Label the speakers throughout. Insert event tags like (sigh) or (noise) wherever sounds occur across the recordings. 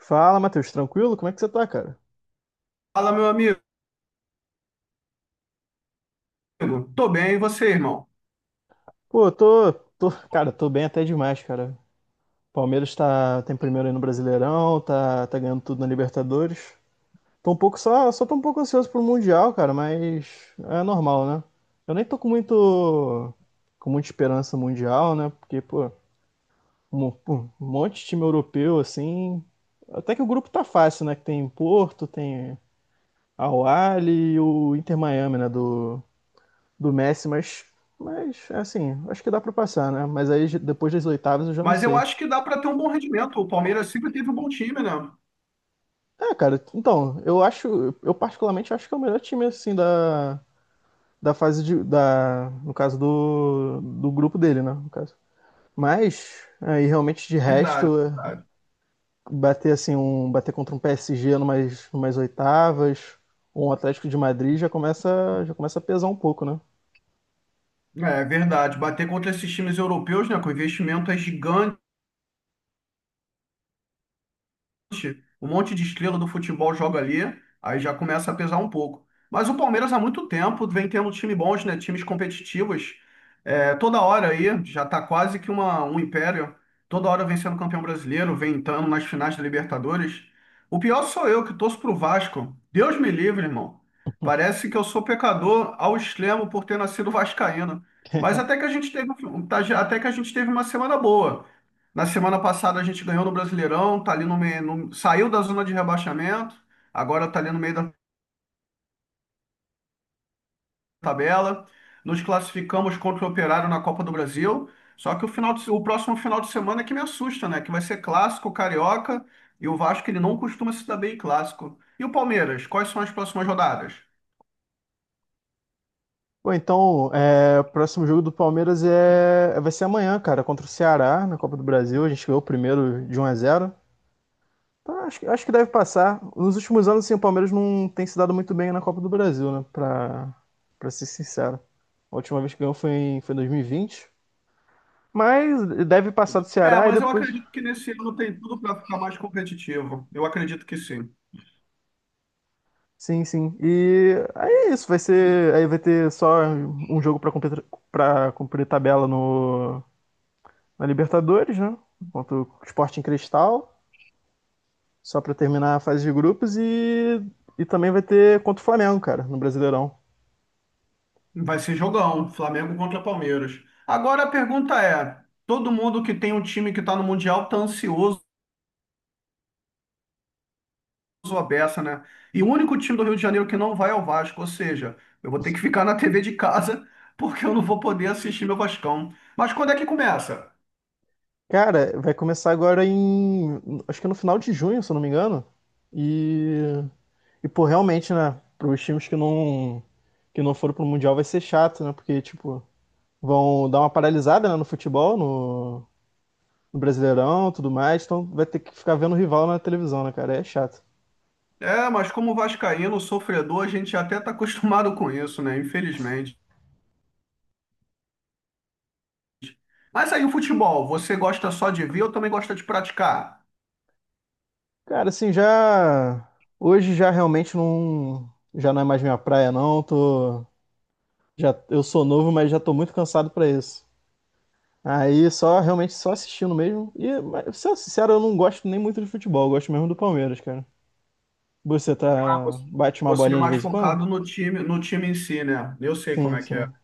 Speaker 1: Fala, Matheus, tranquilo? Como é que você tá, cara?
Speaker 2: Fala, meu amigo. Tô bem, e você, irmão?
Speaker 1: Pô, eu tô, cara, tô bem até demais, cara. Palmeiras tem primeiro aí no Brasileirão, tá ganhando tudo na Libertadores. Tô um pouco só tô um pouco ansioso pro Mundial, cara, mas é normal, né? Eu nem tô com muita esperança no mundial, né? Porque, pô, pô, um monte de time europeu, assim. Até que o grupo tá fácil, né? Que tem Porto, tem Al Ahly e o Inter Miami, né? Do Messi, mas assim, acho que dá para passar, né? Mas aí depois das oitavas eu já não
Speaker 2: Mas eu
Speaker 1: sei.
Speaker 2: acho que dá para ter um bom rendimento. O Palmeiras sempre teve um bom time, né?
Speaker 1: É, cara, então, eu particularmente acho que é o melhor time, assim, da fase no caso do grupo dele, né, no caso. Mas aí realmente de resto,
Speaker 2: Verdade, verdade.
Speaker 1: bater assim, bater contra um PSG numas oitavas, ou um Atlético de Madrid já começa a pesar um pouco, né?
Speaker 2: É verdade. Bater contra esses times europeus, né? Que o investimento é gigante, um monte de estrela do futebol joga ali, aí já começa a pesar um pouco. Mas o Palmeiras há muito tempo vem tendo time bons, né? Times competitivos. É, toda hora aí, já tá quase que um império. Toda hora vem sendo campeão brasileiro, vem entrando nas finais da Libertadores. O pior sou eu, que torço pro Vasco. Deus me livre, irmão. Parece que eu sou pecador ao extremo por ter nascido (laughs) vascaíno. Mas
Speaker 1: (laughs)
Speaker 2: até que a gente teve, um- até que a gente teve uma semana boa. Na semana passada a gente ganhou no Brasileirão, tá ali no meio, saiu da zona de rebaixamento, agora tá ali no meio da tabela. Nos classificamos contra o Operário na Copa do Brasil. Só que o final de se- o próximo final de semana é que me assusta, né? Que vai ser clássico carioca e o Vasco ele não costuma se dar bem em clássico. E o Palmeiras, quais são as próximas rodadas?
Speaker 1: Bom, então, é, o próximo jogo do Palmeiras vai ser amanhã, cara, contra o Ceará na Copa do Brasil. A gente ganhou o primeiro de 1-0. Então, acho que deve passar. Nos últimos anos, sim, o Palmeiras não tem se dado muito bem na Copa do Brasil, né? Pra ser sincero. A última vez que ganhou foi foi em 2020. Mas deve passar do
Speaker 2: É,
Speaker 1: Ceará e
Speaker 2: mas eu
Speaker 1: depois.
Speaker 2: acredito que nesse ano tem tudo para ficar mais competitivo. Eu acredito que sim.
Speaker 1: Sim, sim. E aí é isso, vai ser. Aí vai ter só um jogo pra cumprir tabela no, na Libertadores, né? Contra o Sporting Cristal. Só pra terminar a fase de grupos e também vai ter contra o Flamengo, cara, no Brasileirão.
Speaker 2: Vai ser jogão, Flamengo contra Palmeiras. Agora a pergunta é: todo mundo que tem um time que está no Mundial tá ansioso a beça, né? E o único time do Rio de Janeiro que não vai é o Vasco, ou seja, eu vou ter que ficar na TV de casa (laughs) porque eu não vou poder assistir meu Vascão. Mas quando é que começa?
Speaker 1: Cara, vai começar agora em. Acho que é no final de junho, se eu não me engano. E. E, pô, realmente, né? Para os times que não foram pro Mundial vai ser chato, né? Porque, tipo, vão dar uma paralisada, né, no futebol, no Brasileirão, tudo mais. Então vai ter que ficar vendo o rival na televisão, né, cara? É chato.
Speaker 2: É, mas como vascaíno, sofredor, a gente até tá (laughs) acostumado com isso, né? Infelizmente. Mas aí o futebol, você gosta só de ver ou também gosta de praticar?
Speaker 1: Cara, assim, já. Hoje já realmente não. Já não é mais minha praia, não. Já, eu sou novo, mas já tô muito cansado pra isso. Aí só realmente só assistindo mesmo. E, mas, sendo sincero, eu não gosto nem muito de futebol, eu gosto mesmo do Palmeiras, cara. Você
Speaker 2: Ah,
Speaker 1: tá
Speaker 2: você
Speaker 1: bate uma
Speaker 2: você é
Speaker 1: bolinha de
Speaker 2: mais
Speaker 1: vez em quando?
Speaker 2: focado no time, no time em si, né? Eu sei como
Speaker 1: Sim,
Speaker 2: é que é.
Speaker 1: sim.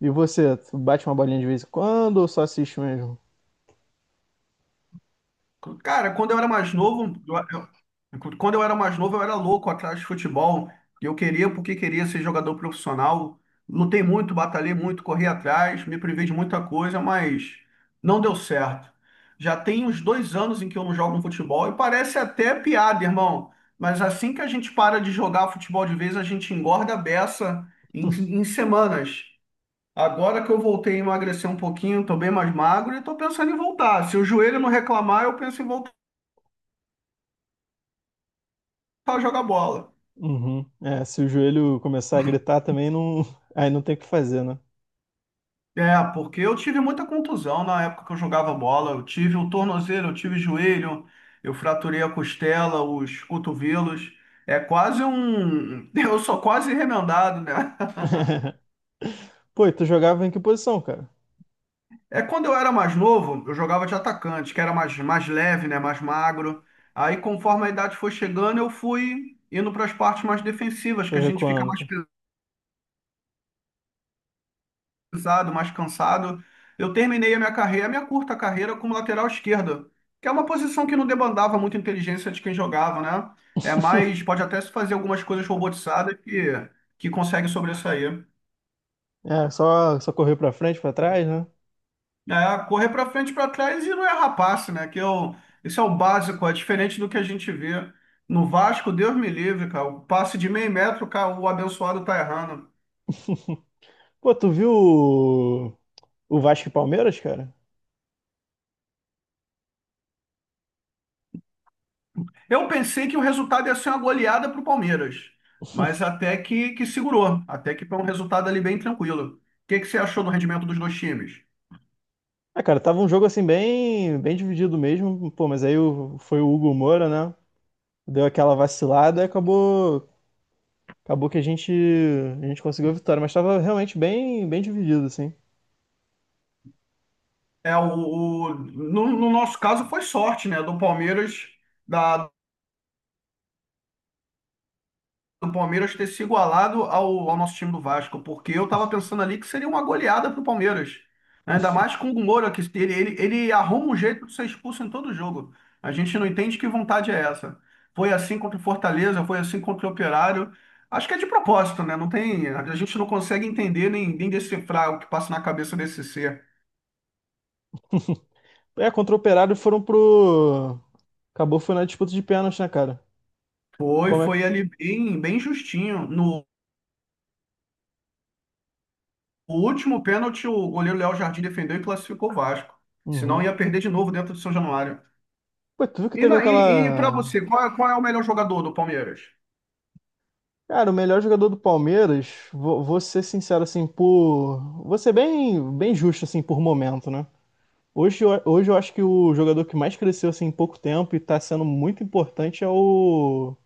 Speaker 1: E você, tu bate uma bolinha de vez em quando ou só assiste mesmo?
Speaker 2: Cara, quando eu era mais novo, eu era louco atrás de futebol. Eu queria, porque queria ser jogador profissional. Lutei muito, batalhei muito, corri atrás, me privei de muita coisa, mas não deu certo. Já tem uns 2 anos em que eu não jogo um futebol e parece até piada, irmão. Mas assim que a gente para de jogar futebol de vez, a gente engorda a beça em,
Speaker 1: (laughs)
Speaker 2: em semanas. Agora que eu voltei a emagrecer um pouquinho, tô bem mais magro e tô pensando em voltar. Se o joelho não reclamar, eu penso em voltar a jogar bola.
Speaker 1: Uhum. É, se o joelho começar a gritar também não, aí não tem o que fazer, né?
Speaker 2: É, porque eu tive muita contusão na época que eu jogava bola. Eu tive o tornozelo, eu tive joelho, eu fraturei a costela, os cotovelos. É quase um. (laughs) Eu sou quase remendado, né? (laughs)
Speaker 1: (laughs) Pô, e tu jogava em que posição, cara?
Speaker 2: É, quando eu era mais novo, eu jogava de atacante, que era mais leve, né, mais magro. Aí, conforme a idade foi chegando, eu fui indo para as partes mais defensivas, que
Speaker 1: Foi
Speaker 2: a gente fica
Speaker 1: recuando,
Speaker 2: mais
Speaker 1: pô.
Speaker 2: pesado, mais cansado. Eu terminei a minha carreira, a minha curta carreira, como lateral esquerdo, que é uma posição que não demandava muita inteligência de quem jogava, né? É mais, pode até se fazer algumas coisas robotizadas que consegue sobressair.
Speaker 1: É, só correr pra frente, pra trás, né?
Speaker 2: É, correr para frente, para trás e não é rapaz, né? Que isso é o básico, é diferente do que a gente vê no Vasco, Deus me livre, cara. O passe de meio metro, cara, o abençoado tá errando.
Speaker 1: Pô, tu viu o Vasco e Palmeiras, cara?
Speaker 2: Eu pensei que o resultado ia ser uma goleada pro Palmeiras, mas até que segurou, até que foi um resultado ali bem tranquilo. O que que você achou do rendimento dos dois times?
Speaker 1: Ah, cara, tava um jogo assim bem, bem dividido mesmo, pô, mas aí foi o Hugo Moura, né? Deu aquela vacilada e acabou que a gente conseguiu a vitória, mas tava realmente bem, bem dividido assim.
Speaker 2: É, o, no nosso caso foi sorte, né? Da, do Palmeiras ter se igualado ao nosso time do Vasco, porque eu tava pensando ali que seria uma goleada pro Palmeiras. Né? Ainda mais com o Moura, que ele arruma um jeito de ser expulso em todo jogo. A gente não entende que vontade é essa. Foi assim contra o Fortaleza, foi assim contra o Operário. Acho que é de propósito, né? Não tem, a gente não consegue entender nem decifrar o que passa na cabeça desse ser.
Speaker 1: É, contra o Operário foram pro acabou foi na disputa de pênalti, né, cara?
Speaker 2: Foi,
Speaker 1: Como
Speaker 2: foi
Speaker 1: é?
Speaker 2: ali bem, bem justinho. No último pênalti, o goleiro Léo Jardim defendeu e classificou o Vasco. Senão
Speaker 1: Uhum.
Speaker 2: ia perder de novo dentro do São Januário.
Speaker 1: Pô, tu viu que
Speaker 2: E,
Speaker 1: teve
Speaker 2: na- e, e para
Speaker 1: aquela.
Speaker 2: você, qual é o melhor jogador do Palmeiras?
Speaker 1: Cara, o melhor jogador do Palmeiras, vou ser sincero assim, por vou ser bem, bem justo assim por momento, né? Hoje eu acho que o jogador que mais cresceu assim, em pouco tempo e está sendo muito importante é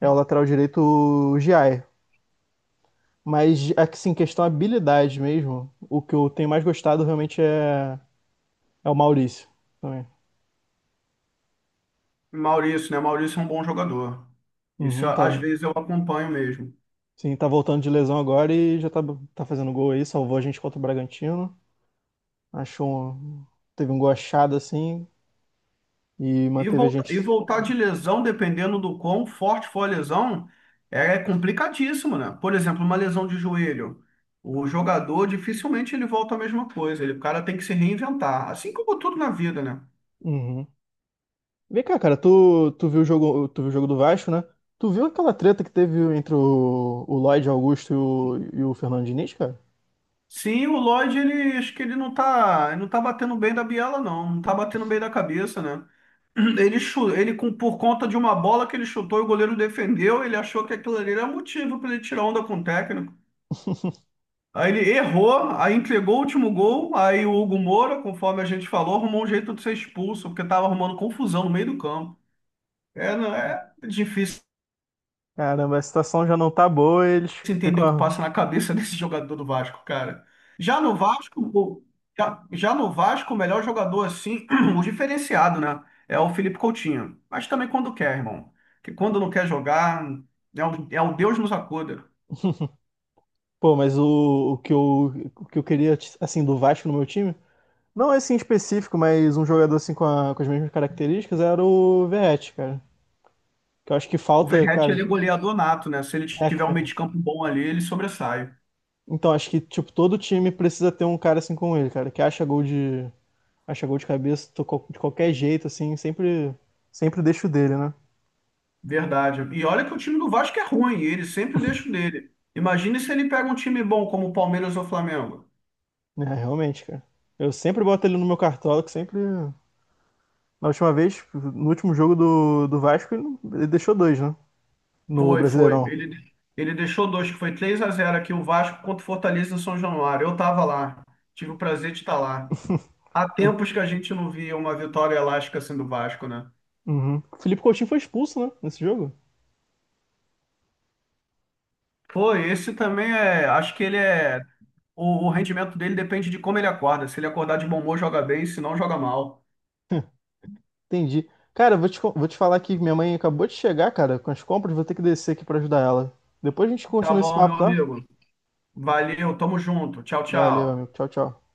Speaker 1: é o lateral direito o Giai. Mas assim, questão habilidade mesmo, o que eu tenho mais gostado realmente é o Maurício também.
Speaker 2: Maurício, né? Maurício é um bom jogador. Isso
Speaker 1: Uhum, tá,
Speaker 2: às vezes eu acompanho mesmo.
Speaker 1: sim, tá voltando de lesão agora e tá fazendo gol aí, salvou a gente contra o Bragantino. Achou um- teve um gol achado assim e
Speaker 2: E,
Speaker 1: manteve a
Speaker 2: volta, e
Speaker 1: gente.
Speaker 2: voltar de lesão, dependendo do quão forte for a lesão, é complicadíssimo, né? Por exemplo, uma lesão de joelho. O jogador dificilmente ele volta a mesma coisa. O cara tem que se reinventar, assim como tudo na vida, né?
Speaker 1: Uhum. Vem cá, cara, tu viu o jogo, tu viu o jogo do Vasco, né? Tu viu aquela treta que teve entre o Lloyd Augusto e o Fernando Diniz, cara?
Speaker 2: Sim, o Lloyd, ele acho que ele não tá batendo bem da biela, não. Não tá batendo bem da cabeça, né? (clears throat) Ele, chu- ele com- por conta de uma bola que ele chutou e o goleiro defendeu, ele achou que aquilo ali era motivo para ele tirar onda com o técnico.
Speaker 1: (laughs)
Speaker 2: Aí ele errou, aí entregou o último gol, aí o Hugo Moura, conforme a gente falou, arrumou um jeito de ser expulso, porque estava arrumando confusão no meio do campo. É, não é difícil
Speaker 1: Caramba, a situação já não tá boa, eles
Speaker 2: difícil entender o que
Speaker 1: ficam.
Speaker 2: passa na cabeça (laughs) desse jogador do Vasco, cara. Já no Vasco, o- já no Vasco, o melhor jogador assim, (clears throat) o diferenciado, né? É o Felipe Coutinho. Mas também quando quer, irmão. Que quando não quer jogar, é o Deus nos acuda.
Speaker 1: Pô, mas o que eu queria, assim, do Vasco no meu time, não esse em específico, mas um jogador assim com as mesmas características era o Verratti, cara. Que eu acho que
Speaker 2: O
Speaker 1: falta,
Speaker 2: Verratti, ele é
Speaker 1: cara.
Speaker 2: goleador nato, né? Se ele
Speaker 1: É,
Speaker 2: tiver um meio
Speaker 1: cara.
Speaker 2: de campo bom ali, ele sobressai.
Speaker 1: Então, acho que, tipo, todo time precisa ter um cara assim como ele, cara, que acha gol de cabeça tocou de qualquer jeito, assim, sempre deixo dele, né?
Speaker 2: Verdade. E olha que o time do Vasco é ruim, e ele sempre deixa o dele. Imagine se ele pega um time bom como o Palmeiras ou o Flamengo.
Speaker 1: É, realmente, cara. Eu sempre boto ele no meu cartola, que sempre. Na última vez, no último jogo do Vasco, ele deixou dois, né? No
Speaker 2: Foi, foi.
Speaker 1: Brasileirão.
Speaker 2: Ele deixou dois, que foi 3-0 aqui, o Vasco contra o Fortaleza em São Januário. Eu estava lá, tive o prazer de estar lá. Há tempos que a gente não via uma vitória elástica assim do Vasco, né?
Speaker 1: Uhum. O Felipe Coutinho foi expulso, né? Nesse jogo.
Speaker 2: Pô, esse também é. Acho que ele é. O rendimento dele depende de como ele acorda. Se ele acordar de bom humor, joga bem, se não, joga mal.
Speaker 1: Entendi. Cara, vou te falar que minha mãe acabou de chegar, cara, com as compras, vou ter que descer aqui pra ajudar ela. Depois a gente
Speaker 2: Tá
Speaker 1: continua esse
Speaker 2: bom, meu
Speaker 1: papo, tá?
Speaker 2: amigo. Valeu, tamo junto. Tchau,
Speaker 1: Valeu,
Speaker 2: tchau.
Speaker 1: amigo. Tchau, tchau.